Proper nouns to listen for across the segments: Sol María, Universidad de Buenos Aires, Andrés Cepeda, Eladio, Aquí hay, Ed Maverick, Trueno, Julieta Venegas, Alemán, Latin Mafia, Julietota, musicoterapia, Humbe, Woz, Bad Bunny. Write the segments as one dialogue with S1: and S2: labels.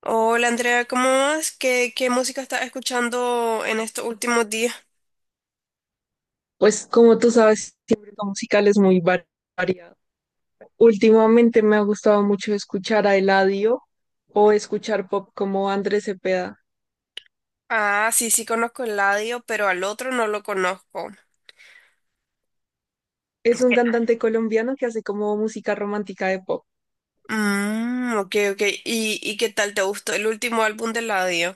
S1: Hola Andrea, ¿cómo vas? ¿Qué música estás escuchando en estos últimos días?
S2: Pues como tú sabes, siempre lo musical es muy variado. Últimamente me ha gustado mucho escuchar a Eladio o escuchar pop como Andrés Cepeda.
S1: Ah, sí, sí conozco el ladio, pero al otro no lo conozco.
S2: Es un
S1: ¿Qué?
S2: cantante colombiano que hace como música romántica de pop.
S1: Mm, ok, ok. ¿Y qué tal te gustó el último álbum del ladio?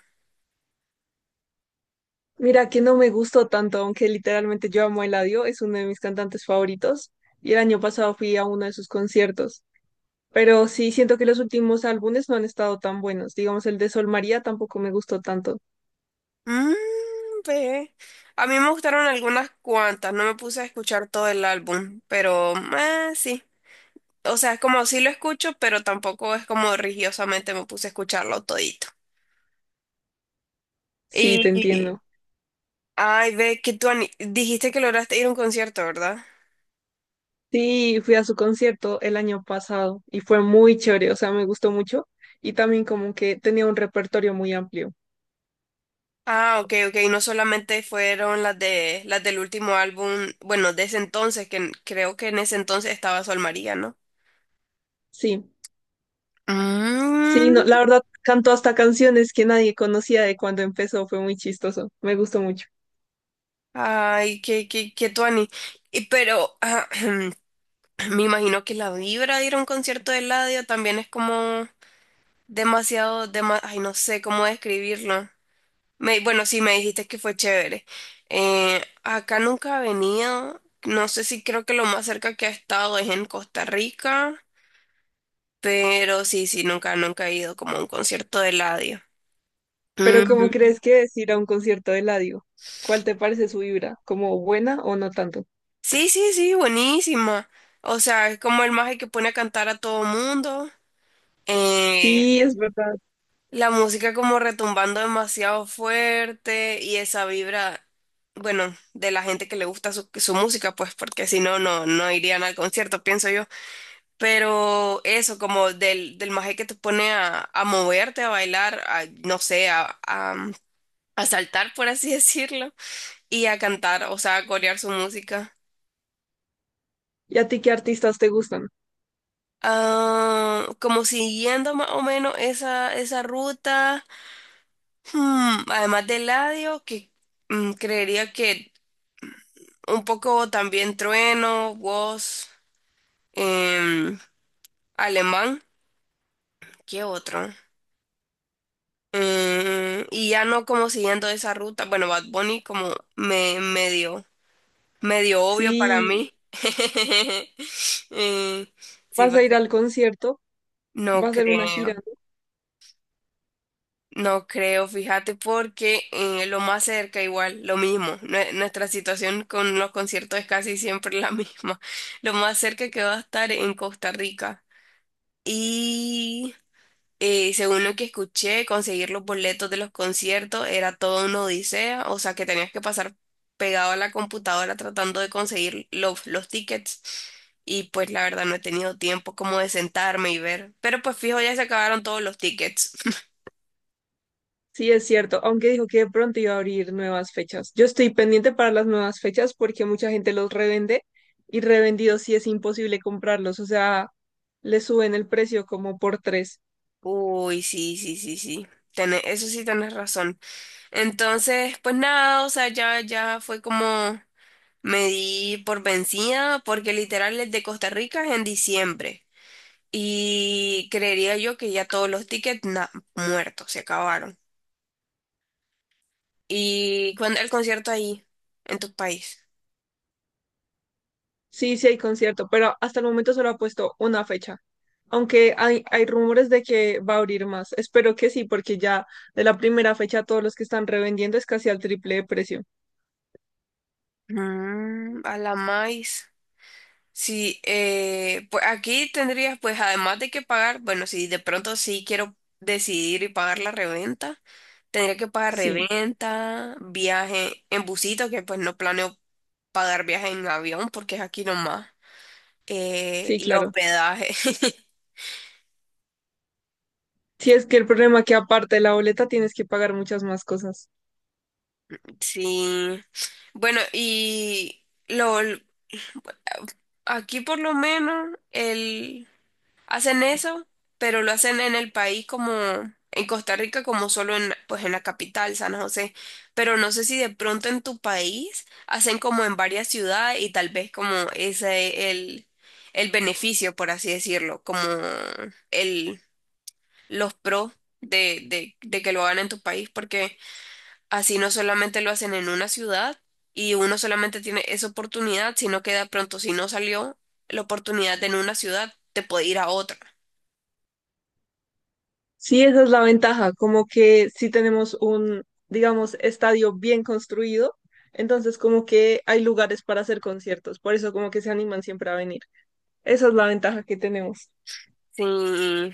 S2: Mira que no me gustó tanto, aunque literalmente yo amo a Eladio, es uno de mis cantantes favoritos y el año pasado fui a uno de sus conciertos. Pero sí siento que los últimos álbumes no han estado tan buenos. Digamos, el de Sol María tampoco me gustó tanto.
S1: Mmm, ve. A mí me gustaron algunas cuantas, no me puse a escuchar todo el álbum, pero sí. O sea, es como sí lo escucho, pero tampoco es como religiosamente me puse a escucharlo todito.
S2: Sí, te
S1: Y
S2: entiendo.
S1: Ay, ve que dijiste que lograste ir a un concierto, ¿verdad?
S2: Sí, fui a su concierto el año pasado y fue muy chévere, o sea, me gustó mucho y también como que tenía un repertorio muy amplio.
S1: Ah, ok, ok. No solamente fueron las del último álbum, bueno, de ese entonces, creo que en ese entonces estaba Sol María, ¿no?
S2: Sí, sí, no,
S1: Mm,
S2: la verdad cantó hasta canciones que nadie conocía de cuando empezó, fue muy chistoso, me gustó mucho.
S1: Ay, qué, qué, qué tuani. Y pero me imagino que la vibra de ir a un concierto de Eladio también es como demasiado, ay, no sé cómo describirlo. Bueno, sí, me dijiste que fue chévere. Acá nunca he venido. No sé si creo que lo más cerca que he estado es en Costa Rica, pero sí, sí, nunca, nunca he ido como a un concierto de Eladio.
S2: Pero ¿cómo
S1: Mm,
S2: crees que es ir a un concierto de Eladio? ¿Cuál te parece su vibra? ¿Como buena o no tanto?
S1: Sí, sí, sí, buenísima. O sea, es como el mago que pone a cantar a todo mundo. Eh,
S2: Sí, es verdad.
S1: la música como retumbando demasiado fuerte y esa vibra, bueno, de la gente que le gusta su música, pues porque si no, no irían al concierto, pienso yo. Pero eso, como del maje que te pone a moverte, a bailar, no sé, a saltar, por así decirlo, y a cantar, o sea, a corear su música.
S2: ¿Y a ti qué artistas te gustan?
S1: Ah, como siguiendo más o menos esa ruta, además de Eladio, que creería que un poco también Trueno, Woz, em, Alemán, ¿qué otro? Y ya no como siguiendo esa ruta. Bueno, Bad Bunny como me medio, medio obvio para
S2: Sí,
S1: mí. Eh, sí,
S2: vas
S1: va a
S2: a ir al
S1: ser.
S2: concierto, va
S1: No
S2: a ser una gira.
S1: creo, no creo, fíjate, porque lo más cerca igual, lo mismo. Nuestra situación con los conciertos es casi siempre la misma. Lo más cerca que va a estar en Costa Rica. y Según lo que escuché, conseguir los boletos de los conciertos era toda una odisea, o sea que tenías que pasar pegado a la computadora tratando de conseguir los tickets. Y pues la verdad no he tenido tiempo como de sentarme y ver. Pero pues fijo, ya se acabaron todos los tickets.
S2: Sí, es cierto, aunque dijo que de pronto iba a abrir nuevas fechas. Yo estoy pendiente para las nuevas fechas porque mucha gente los revende y revendidos sí es imposible comprarlos, o sea, le suben el precio como por tres.
S1: Uy, sí, sí, sí, sí. Eso sí tenés razón. Entonces, pues nada, o sea, ya fue como me di por vencida, porque literal el de Costa Rica es en diciembre. Y creería yo que ya todos los tickets muertos, se acabaron. ¿Y cuándo el concierto ahí, en tu país?
S2: Sí, sí hay concierto, pero hasta el momento solo ha puesto una fecha, aunque hay rumores de que va a abrir más. Espero que sí, porque ya de la primera fecha todos los que están revendiendo es casi al triple de precio.
S1: Mm, a la más. Sí, pues aquí tendrías, pues además de que pagar, bueno, si de pronto sí quiero decidir y pagar la reventa, tendría que pagar
S2: Sí,
S1: reventa, viaje en busito, que pues no planeo pagar viaje en avión porque es aquí nomás,
S2: sí,
S1: y
S2: claro.
S1: hospedaje.
S2: Sí, es que el problema es que aparte de la boleta tienes que pagar muchas más cosas.
S1: Sí. Bueno, y lo aquí por lo menos el hacen eso, pero lo hacen en el país como en Costa Rica como solo en pues en la capital, San José, pero no sé si de pronto en tu país hacen como en varias ciudades y tal vez como ese el beneficio, por así decirlo, como el los pros de que lo hagan en tu país porque así no solamente lo hacen en una ciudad y uno solamente tiene esa oportunidad, sino que de pronto si no salió la oportunidad en una ciudad, te puede ir a otra.
S2: Sí, esa es la ventaja, como que si tenemos un, digamos, estadio bien construido, entonces como que hay lugares para hacer conciertos, por eso como que se animan siempre a venir. Esa es la ventaja que tenemos.
S1: Sí,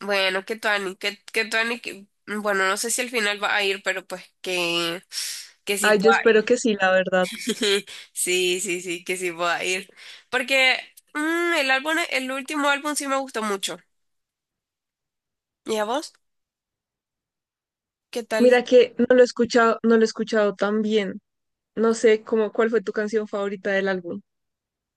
S1: bueno, que Tuani, que- bueno, no sé si al final va a ir, pero pues que sí
S2: Ay, yo
S1: pueda
S2: espero
S1: ir.
S2: que sí, la verdad.
S1: Sí, sí, sí, que sí pueda ir. Porque el álbum, el último álbum sí me gustó mucho. ¿Y a vos? ¿Qué tal?
S2: Mira que no lo he escuchado, no lo he escuchado tan bien. No sé cómo, cuál fue tu canción favorita del álbum.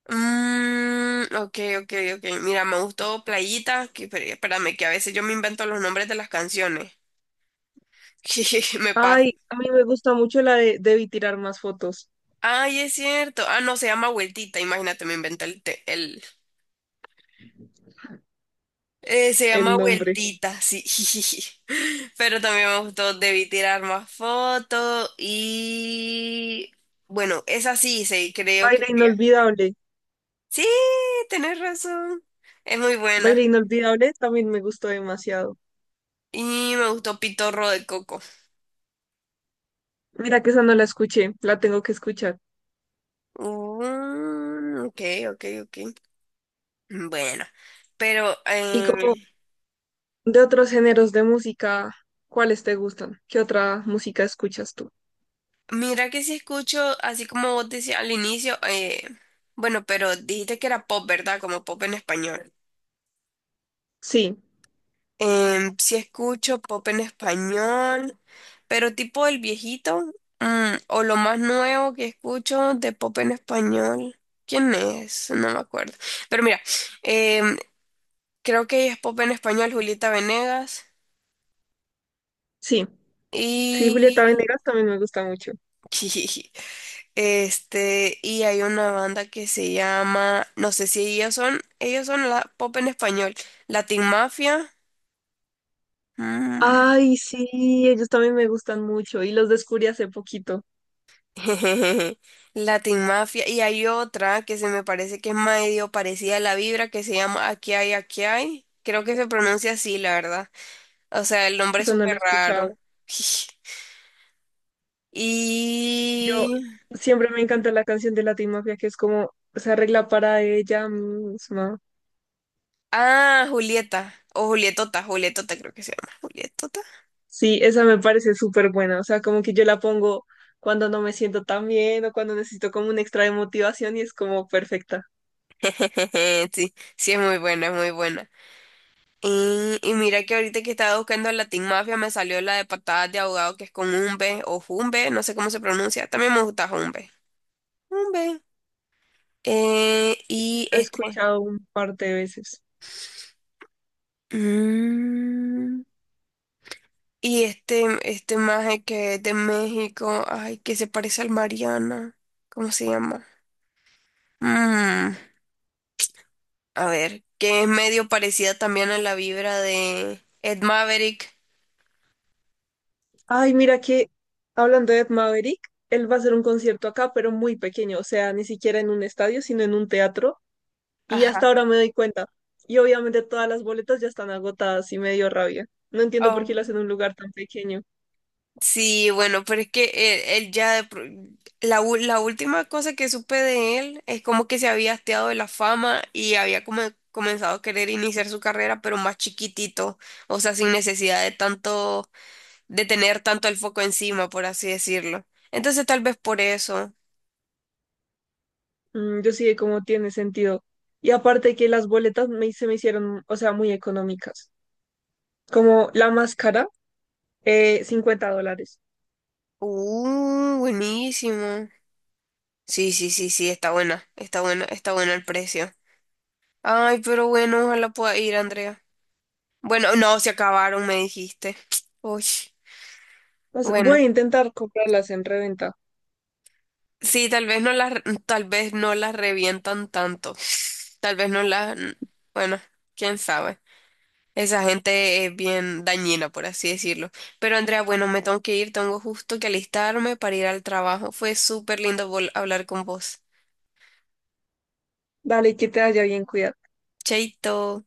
S1: Mm, ok, ok, ok. Mira, me gustó Playita, que espérame, que a veces yo me invento los nombres de las canciones. Me pasa.
S2: Ay, a mí me gusta mucho la de Debí tirar más fotos,
S1: Ay, es cierto. Ah, no, se llama Vueltita, imagínate, me inventé el. Se
S2: el
S1: llama
S2: nombre.
S1: Vueltita, sí. Pero también me gustó Debí tirar más fotos y. Bueno, esa sí, sí, creo que.
S2: Baile inolvidable.
S1: Sí, tenés razón. Es muy buena.
S2: Baile inolvidable también me gustó demasiado.
S1: Y me gustó Pitorro de Coco.
S2: Mira que esa no la escuché, la tengo que escuchar.
S1: Mm, ok, ok, ok. Bueno, pero
S2: Y como de otros géneros de música, ¿cuáles te gustan? ¿Qué otra música escuchas tú?
S1: mira que si escucho, así como vos decías al inicio, bueno, pero dijiste que era pop, ¿verdad? Como pop en español.
S2: Sí,
S1: Sí escucho pop en español, pero tipo el viejito, o lo más nuevo que escucho de pop en español. ¿Quién es? No me acuerdo. Pero mira, em, creo que es pop en español Julieta Venegas
S2: sí. Sí, Julieta
S1: y.
S2: Venegas también me gusta mucho.
S1: Y hay una banda que se llama, no sé si ellos son la pop en español, Latin Mafia. mm,
S2: Ay, sí, ellos también me gustan mucho y los descubrí hace poquito.
S1: Latin Mafia. Y hay otra que se me parece que es medio parecida a la vibra que se llama Aquí hay, aquí hay. Creo que se pronuncia así, la verdad. O sea, el nombre es
S2: Esa no la
S1: súper
S2: he
S1: raro.
S2: escuchado.
S1: Y...
S2: Yo siempre me encanta la canción de Latin Mafia que es como se arregla para ella misma.
S1: Ah, Julieta. O Julietota, Julietota creo que se llama. Julietota.
S2: Sí, esa me parece súper buena. O sea, como que yo la pongo cuando no me siento tan bien o cuando necesito como un extra de motivación y es como perfecta.
S1: Sí, sí es muy buena, es muy buena. Y mira que ahorita que estaba buscando la Teen Mafia me salió la de patadas de ahogado que es con Humbe o Jumbe, no sé cómo se pronuncia. También me gusta Humbe. Humbe. Y
S2: Lo he
S1: este.
S2: escuchado un par de veces.
S1: Mm, y este maje que es de México, ay, que se parece al Mariana. ¿Cómo se llama? Mm, a ver, que es medio parecida también a la vibra de Ed Maverick.
S2: Ay, mira que hablando de Ed Maverick, él va a hacer un concierto acá, pero muy pequeño. O sea, ni siquiera en un estadio, sino en un teatro. Y
S1: Ajá.
S2: hasta ahora me doy cuenta. Y obviamente todas las boletas ya están agotadas y me dio rabia. No entiendo por qué lo
S1: Oh.
S2: hacen en un lugar tan pequeño.
S1: Sí, bueno, pero es que él ya, de pro- la, u- la última cosa que supe de él es como que se había hasteado de la fama y había como comenzado a querer iniciar su carrera, pero más chiquitito, o sea, sin necesidad de tanto, de tener tanto el foco encima, por así decirlo. Entonces tal vez por eso.
S2: Mm, yo sí de cómo tiene sentido. Y aparte que las boletas me, se me hicieron, o sea, muy económicas. Como la más cara, $50.
S1: Buenísimo. Sí, sí, sí, sí, está buena, está buena, está buena el precio. Ay, pero bueno, ojalá pueda ir, Andrea. Bueno, no, se acabaron, me dijiste. Uy.
S2: Pues
S1: Bueno,
S2: voy a intentar comprarlas en reventa.
S1: sí, tal vez no las revientan tanto. Tal vez no las, Bueno, quién sabe. Esa gente es bien dañina, por así decirlo. Pero Andrea, bueno, me tengo que ir, tengo justo que alistarme para ir al trabajo. Fue súper lindo hablar con vos.
S2: Dale, que te haya bien, cuidado.
S1: Chaito.